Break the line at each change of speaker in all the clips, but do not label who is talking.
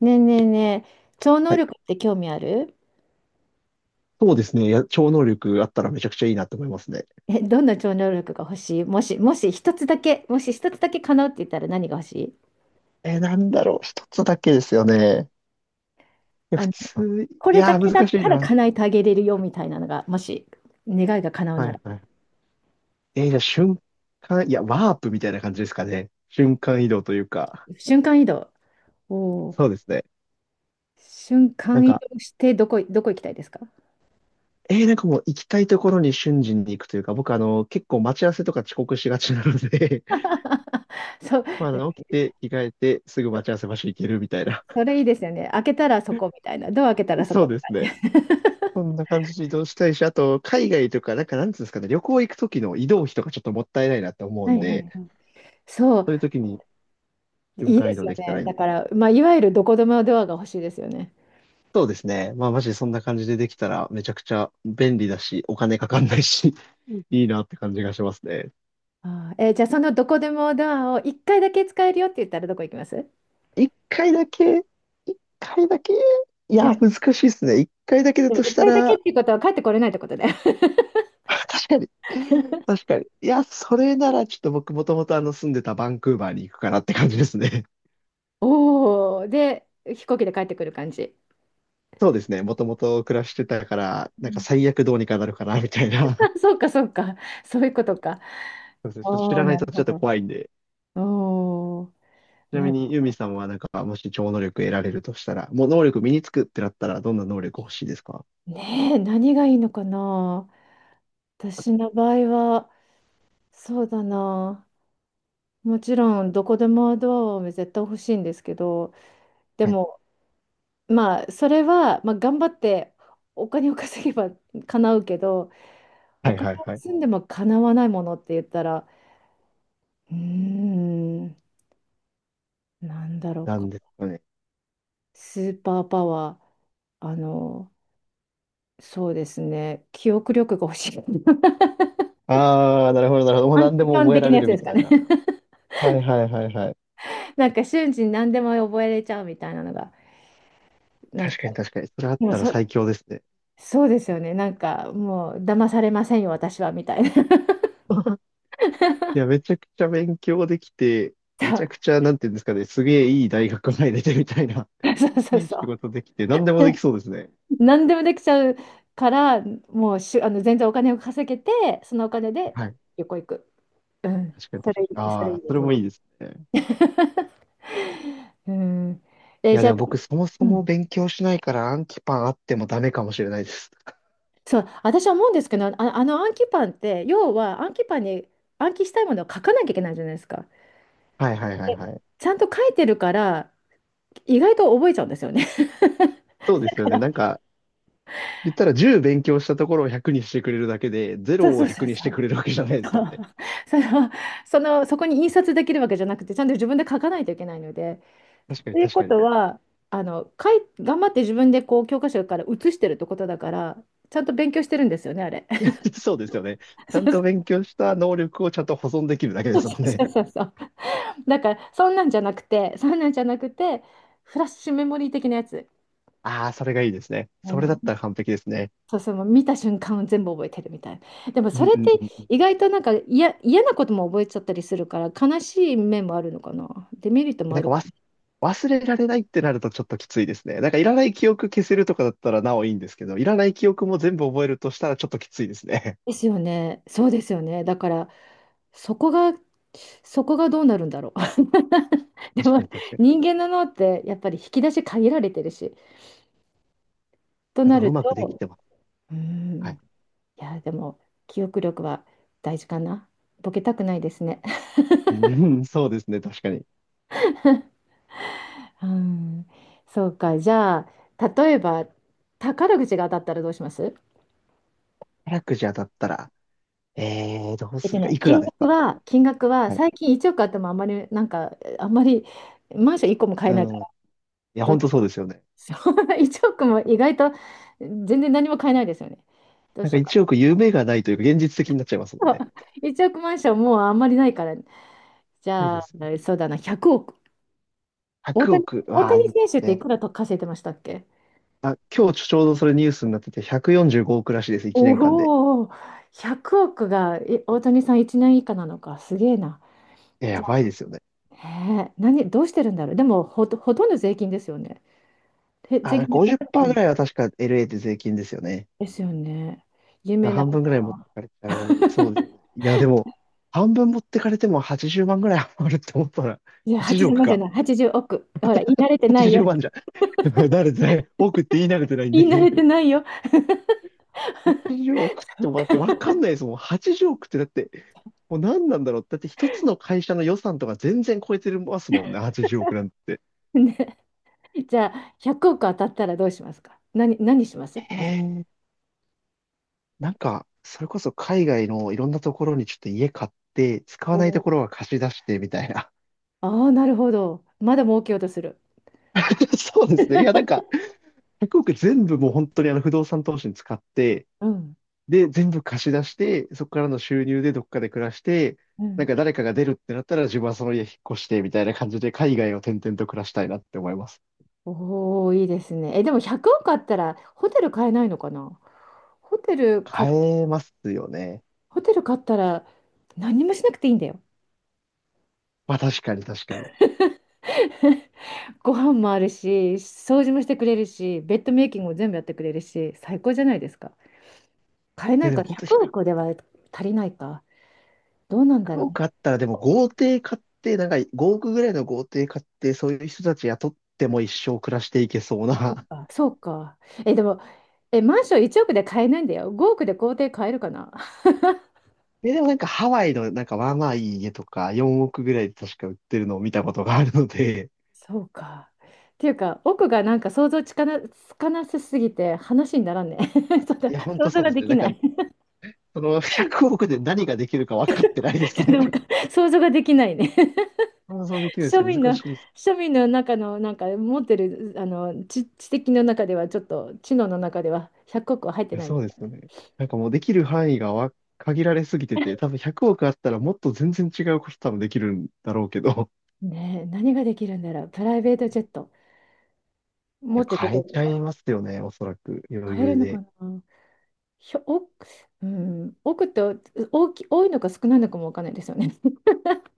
ねえねえねえ、超能
はい。
力って興味ある？
そうですね。いや、超能力あったらめちゃくちゃいいなと思いますね。
え、どんな超能力が欲しい？もし一つだけ叶うって言ったら何が欲しい？
なんだろう。一つだけですよね。いや、
あ
普
の、
通、
こ
い
れだ
やー、
けだ
難
っ
しい
たら
な。
叶えてあげれるよみたいなのが、もし願いが叶う
は
なら。
いはい。じゃあ瞬間、いや、ワープみたいな感じですかね。瞬間移動というか。
瞬間移動。おお、
そうですね。
瞬
なん
間移
か、
動してどこ行きたいですか？
なんかもう行きたいところに瞬時に行くというか、僕結構待ち合わせとか遅刻しがちなので
そう、
まあ、起きて、着替えて、すぐ待ち合わせ場所行けるみたいな。
それいいですよね。開けたらそこみたいな。ドア開けたらそ
そ
こ。
うですね。そんな感じで移動したいし、あと、海外とか、なんか、なんつうんですかね、旅行行く時の移動費とかちょっともったいないなって思う
はい
ん
はいは
で、
い。そう、
そういう時に瞬
いい
間
で
移
す
動
よ
できた
ね。
らいい
だ
な。
から、まあ、いわゆるどこでもドアが欲しいですよね。
そうですね。まあ、マジでそんな感じでできたら、めちゃくちゃ便利だし、お金かかんないし、いいなって感じがしますね。
あー、じゃあそのどこでもドアを1回だけ使えるよって言ったらどこ行きます？
一回だけ、一回だけ、い
でも、
や、難しいですね。一回だけだ
でも
とし
1
た
回だけ
ら、
っていうことは帰ってこれないってことだよ。
確かに。確かに。いや、それならちょっと僕もともと住んでたバンクーバーに行くかなって感じですね。
おお、で、飛行機で帰ってくる感じ。
そうですね。もともと暮らしてたから、
う
なんか
ん。
最悪どうにかなるかな、みたいな。
あ、そうか、そうか。そういうことか。
そうですね。ちょっと
お
知
お、
らない
なる
とちょ
ほ
っと
ど。
怖いんで。
おお、
ちな
な
み
る
に、ユミさんはなんか、もし超能力得られるとしたら、もう能力身につくってなったら、どんな能力欲しいですか？
ねえ、何がいいのかな。私の場合は、そうだな。もちろん、どこでもドアを絶対欲しいんですけど、で
はい。
も、まあそれは、まあ、頑張ってお金を稼げば叶うけど、お
はい
金
はい
を
はい。
積んでも叶わないものって言ったら、うーん、なんだろう
な
か。
んですかね。
スーパーパワー、そうですね、記憶力が欲しい。
ああ、なるほどなるほど。もう
短
何で
期
も
間
覚
的
えら
な
れ
やつ
る
で
み
すか
たい
ね？
な。はいはいはいはい。
なんか瞬時に何でも覚えれちゃうみたいなのがなん
確か
か。
に確かに。それあっ
でも
たら
そ、
最強ですね。
そうですよね。なんかもう騙されませんよ、私はみたいな。
いや、めちゃくちゃ勉強できて、めちゃく
そ
ちゃ、なんていうんですかね、すげえいい大学入れてみたいな、
うそう そう
いい
そ
仕
う。
事できて、何でもできそうですね。
何でもできちゃうから、もうしゅ、あの全然お金を稼げて、そのお金で
はい。
旅行行く。うん、
確かに
そ
確
れ
か
い
に。
い、それ
あ
いい
あ、そ
で
れ
すね。
もいいですね。
うん、
いや、
じゃ
で
あ、
も僕そもそ
うん、
も勉強しないから暗記パンあってもダメかもしれないです。
そう、私は思うんですけど、あ、あの暗記パンって、要は暗記パンに暗記したいものを書かなきゃいけないじゃないですか。
はいはいはい
で
はい。
ちゃんと書いてるから、意外と覚えちゃうんですよね。
そうですよね。なんか、言ったら10勉強したところを100にしてくれるだけで、
そう
0
そ
を
うそ
100
う
にし
そ
て
う。
くれるわけじゃないですもんね。
そう、その、そこに印刷できるわけじゃなくて、ちゃんと自分で書かないといけないので、
確かに
という
確
こ
かに。
とは、頑張って自分でこう教科書から写してるってことだから、ちゃんと勉強してるんですよね、あれ。
そうですよね。ち
そ
ゃん
うそ
と勉強した能力をちゃんと保存できるだけで
う
すもんね。
そうそう。だから、そんなんじゃなくて、そんなんじゃなくて、フラッシュメモリー的なやつ。
ああ、それがいいですね。
う
それだ
ん、
ったら完璧ですね。
そうそう、もう見た瞬間を全部覚えてるみたいな。でも
う
そ
ん
れっ
う
て
んうん。
意外となんか嫌なことも覚えちゃったりするから、悲しい面もあるのかな。デメリットも
な
あ
ん
る。
か忘れられないってなるとちょっときついですね。なんかいらない記憶消せるとかだったらなおいいんですけど、いらない記憶も全部覚えるとしたらちょっときついですね。
ですよね。そうですよね。だから、そこが、そこがどうなるんだろ う。で
確
も、
かに確かに。
人間の脳って、やっぱり引き出し限られてるし、と
なん
な
かう
る
まくでき
と、
てます。
う
は
ん、
い。
いや、でも、記憶力は大事かな。ボケたくないですね。
うん、そうですね、確かに。
うん、そうか。じゃあ、例えば、宝くじが当たったらどうします？
宝くじゃだったら、どう
出
す
て
るか、
ない。
いくら
金
です
額
か？
は、金額は、
はい。
最近1億あってもあんまり、なんか、あんまり、マンション1個も買え
う
ないか
ん。い
ら。
や、本当そうですよね。
そう。1億も意外と全然何も買えないですよね。どう
なん
し
か
ようか
1億夢がないというか現実的になっちゃいます
な。
もんね。
1億マンションもうあんまりないから、じ
そう
ゃ
で
あ、
すよね。
そうだな、100億。大
100
谷、
億、
大
わあ、いい
谷
です
選手ってい
ね。
くらと稼いでましたっけ？
あ、今日ちょうどそれニュースになってて、145億らしいです、1年間で。
おお、100億が大谷さん1年以下なのか、すげえな。
いや
じ
や
ゃ
ばいですよね。
あ、ねえ、どうしてるんだろう。でもほとんど税金ですよね。え、
あ、だ
税
から
金で取られたの？
50%ぐらいは確か LA で税金ですよね。
ですよね。
だか
夢
ら
ない
半分ぐらい持っ
な。
てかれちゃう。そうですね。いや、でも、半分持ってかれても80万ぐらい余 るって思ったら、
いや、
80
80
億
万じゅう
か。
まんじゃない、80億。ほら、言い慣れてないよ。
80万じゅうまんじゃ。慣れてない。億って言い慣れてないん
言い慣れ
で。
てないよ。
80億っ
そ
て
っ
もだってわか
か。
んないですもん。80億ってだって、もう何なんだろう。だって一つの会社の予算とか全然超えてますもんね。80億なんて。
ね、じゃあ、100億当たったらどうしますか？何しま
へ
すまず。
え。なんか、それこそ海外のいろんなところにちょっと家買って、使
お
わないと
ー、
ころは貸し出してみたいな。
ああ、なるほど。まだ儲けようとする。
そうですね。いや、なんか、1 0全部もう本当に不動産投資に使って、
うん。
で、全部貸し出して、そこからの収入でどっかで暮らして、
う
なん
ん。
か誰かが出るってなったら自分はその家引っ越してみたいな感じで海外を転々と暮らしたいなって思います。
おお、いいですね。え、でも100億あったらホテル買えないのかな？ホテルか。
買えますよね。
ホテル買ったら何もしなくていいんだよ。
まあ確かに確かに。
ご飯もあるし、掃除もしてくれるし、ベッドメイキングも全部やってくれるし、最高じゃないですか。買えな
え、
い
で
か、
も本当
100億では足りないか。どうなんだ
100
ろう。
億あったらでも豪邸買って、なんか5億ぐらいの豪邸買って、そういう人たち雇っても一生暮らしていけそう
そう
な。
か、そうか。え、でも、え、マンション1億で買えないんだよ。5億で豪邸買えるかな？
え、でもなんかハワイのなんかまあまあいい家とか4億ぐらいで確か売ってるのを見たことがあるので、
そうか。っていうか、奥がなんか想像つかな、つかなさすぎて話にならんね。ちょっ と
い
想
や、ほんと
像
そう
が
です
で
ね。
き
なん
な
か、
い。
その100億で何ができるか分かってないで
ち
す
ょっと
ね。
なん か想像ができないね。
想像できるで
庶
す。難
民の、
しいです。
庶民の中の、なんか持ってる、知的の中では、ちょっと知能の中では100億は入って
いや、
ない。
そうですよね。なんかもうできる範囲が限られすぎてて、多分100億あったらもっと全然違うこと多分できるんだろうけど、
ねえ、何ができるんだろう。プライベートジェット。
い
持
や、
ってど
変
こ
え
行
ち
くん
ゃ
だ。
いますよね、おそらく余
買える
裕
のか
で。
な。ひょ、多く、うん、多くって大き、多いのか少ないのかもわかんないですよね。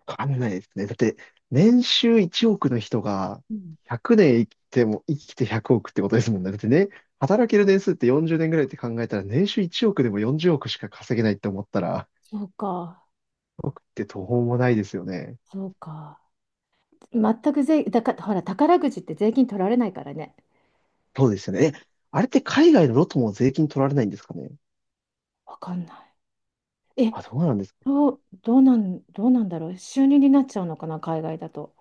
わかんないですね。だって、年収1億の人が
うん。
100年生きても、生きて100億ってことですもんね。だってね、働ける年数って40年ぐらいって考えたら、年収1億でも40億しか稼げないって思ったら、
そうか、
億って途方もないですよね。
そうか。全く税、だから、ほら、宝くじって税金取られないからね。
そうですよね。え、あれって海外のロトも税金取られないんですかね。
わかんない。え、
あ、どうなんですかね。
どうなんだろう。収入になっちゃうのかな、海外だと。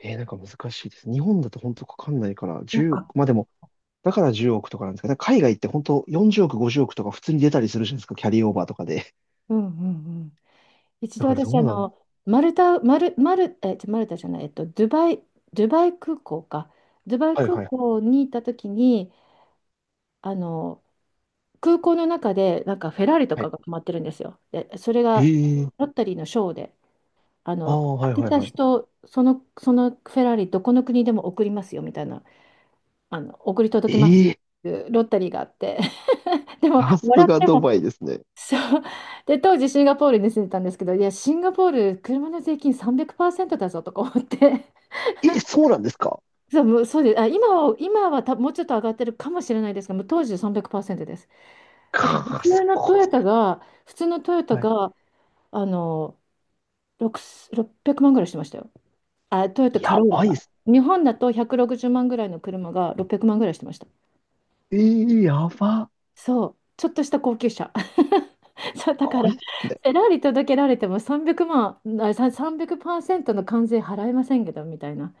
なんか難しいです。日本だと本当かかんないから、
な
1
んか、
億、まあでも、だから10億とかなんですかね。だから海外って本当40億、50億とか普通に出たりするじゃないですか。キャリーオーバーとかで。
うんうんうん。一
だ
度
からど
私、
うなん。
マルタ、マル、マル、え、ちょマルタじゃない、ドゥバイ、ドゥバイ空港か。ドゥバイ
はい
空
はい。は
港にいた時に、あの、空港の中で、なんかフェラーリと
い、
かが止まってるんですよ。で、それが
ええ、
ロッタリーのショーで、あ
ああ
の、
ー、は
当
い
て
はい
た
はい。
人、そのフェラーリ、どこの国でも送りますよみたいな、送り届けますっ
ええ、
ていうロッタリーがあって、でも、
さす
もらっ
が
て
ド
も、
バイですね。
そう。で、当時シンガポールに住んでたんですけど、いや、シンガポール、車の税金300%だぞとか思って、
え、そうなんですか？
そう、もうそうです。あ、今は、今はたもうちょっと上がってるかもしれないですが、もう当時300%です。だから普
かあ、
通
す
の
ご
ト
いっ
ヨ
す。
タが、普通のトヨタ
はい。
が、あの、6、600万ぐらいしてましたよ。あ、トヨタカ
や
ロー
ばい
ラ
っ
が。
す。
日本だと160万ぐらいの車が600万ぐらいしてました。
ええ、やば。す
そう、ちょっとした高級車。そう、だか
ご
ら、
い
フ
っすね。
ェラーリ届けられても300万、あ、300%の関税払えませんけど、みたいな。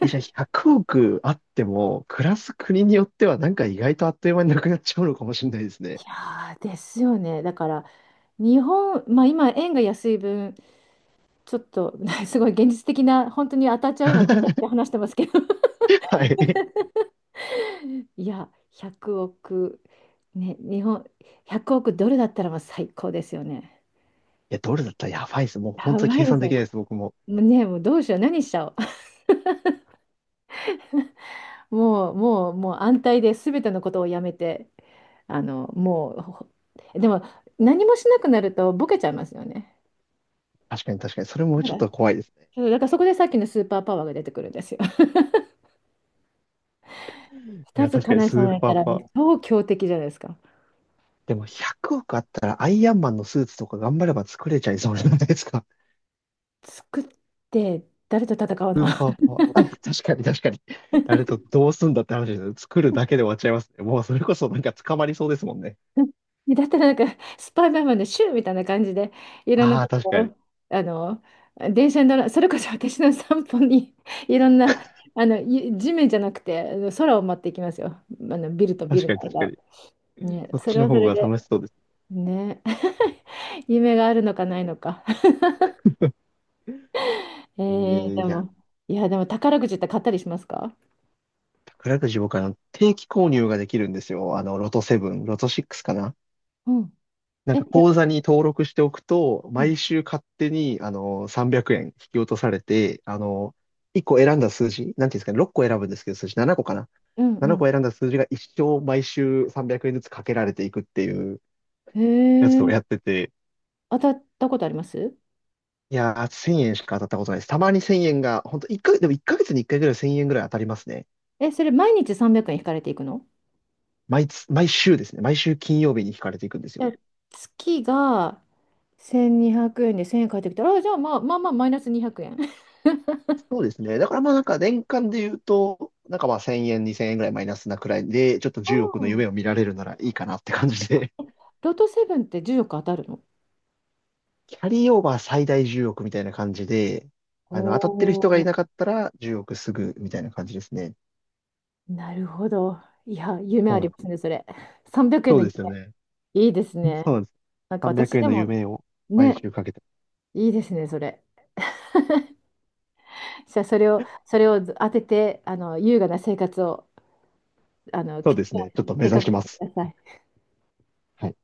え、じゃあ100億あっても、暮らす国によってはなんか意外とあっという間になくなっちゃうのかもしれないですね。
いやー、ですよね。だから、日本、まあ今、円が安い分、ちょっと、すごい現実的な、本当に当たっちゃうような感覚 で話してますけど、
はい。い
いや、100億、ね、日本、100億ドルだったらもう最高ですよね。
や、ドルだったらやばいです。もう本
や
当に
ば
計
いで
算
す
で
よ
き
ね。
ないです、僕も。
もうね、もうどうしよう、何しちゃおう。もう安泰で全てのことをやめて、あの、もう、ほでも何もしなくなるとボケちゃいますよね。
確かに確かに。それも
だ
ち
か
ょっ
ら、
と怖いですね。
そうだからそこでさっきのスーパーパワーが出てくるんですよ。
い
2
や、
つ
確かに
叶え
ス
そうに
ー
なっ
パ
た
ー
ら、
パー。
超強敵じゃないですか。
でも100億あったらアイアンマンのスーツとか頑張れば作れちゃいそうじゃないですか。
作って、誰と戦う
ス
の？
ーパーパワー。あ、確かに確かに。誰とどうすんだって話ですよ。作るだけで終わっちゃいますね。もうそれこそなんか捕まりそうですもんね。
だったらなんか、スパイダーマンのシューみたいな感じで、いろんな
あ
と
あ、確
こ
かに。
ろ、あの、電車に乗ら、それこそ私の散歩に、いろんな、地面じゃなくて、空を待っていきますよ。ビルとビ
確
ル
かに
の
確か
間を。
に。
ね、
そっ
そ
ち
れ
の
はそ
方
れ
が
で、
楽しそうです。
ね、夢があるのかないのか。えで
いや、
も、いや、でも宝くじって買ったりしますか？
宝くじ僕は定期購入ができるんですよ。ロト7、ロト6かな。
うん。
なん
え、い
か
や、
口座に登録しておくと、
はい。
毎週勝手に、300円引き落とされて、1個選んだ数字、なんていうんですかね、6個選ぶんですけど、数字7個かな。
うんう
7
ん。
個選んだ数字が一生毎週300円ずつかけられていくっていう
へ
やつを
え、
やってて、
当たったことあります？
いやー、1000円しか当たったことないです。たまに1000円が、本当一ヶでも1ヶ月に1回ぐらい1000円ぐらい当たりますね。
え、それ毎日300円引かれていくの？
毎週ですね。毎週金曜日に引かれていくんですよ。
え、月が、1200円で1000円返ってきたら、あ、じゃあまあまあまあマイナス200円。
そうですね。だからまあなんか年間で言うと、なんかまあ1000円、2000円ぐらいマイナスなくらいで、ちょっと10億の
う
夢
ん。
を見られるならいいかなって感じで。
ロトセブンって10億当たるの？
キャリーオーバー最大10億みたいな感じで、
お
当たってる人がい
お、
なかったら10億すぐみたいな感じですね。
なるほど。いや、夢
そ
あ
うな
り
んで
ます
す。
ね、それ。300円
そ
の
うで
夢。
すよね。
いいですね。
そうです。
なんか
300
私
円
で
の
も、
夢を毎
ね、
週かけて。
いいですね、それ。じゃあそれを、当てて、優雅な生活を、
そうですね。ちょっと目
計
指
画
し
し
ま
てく
す。
ださい。
はい。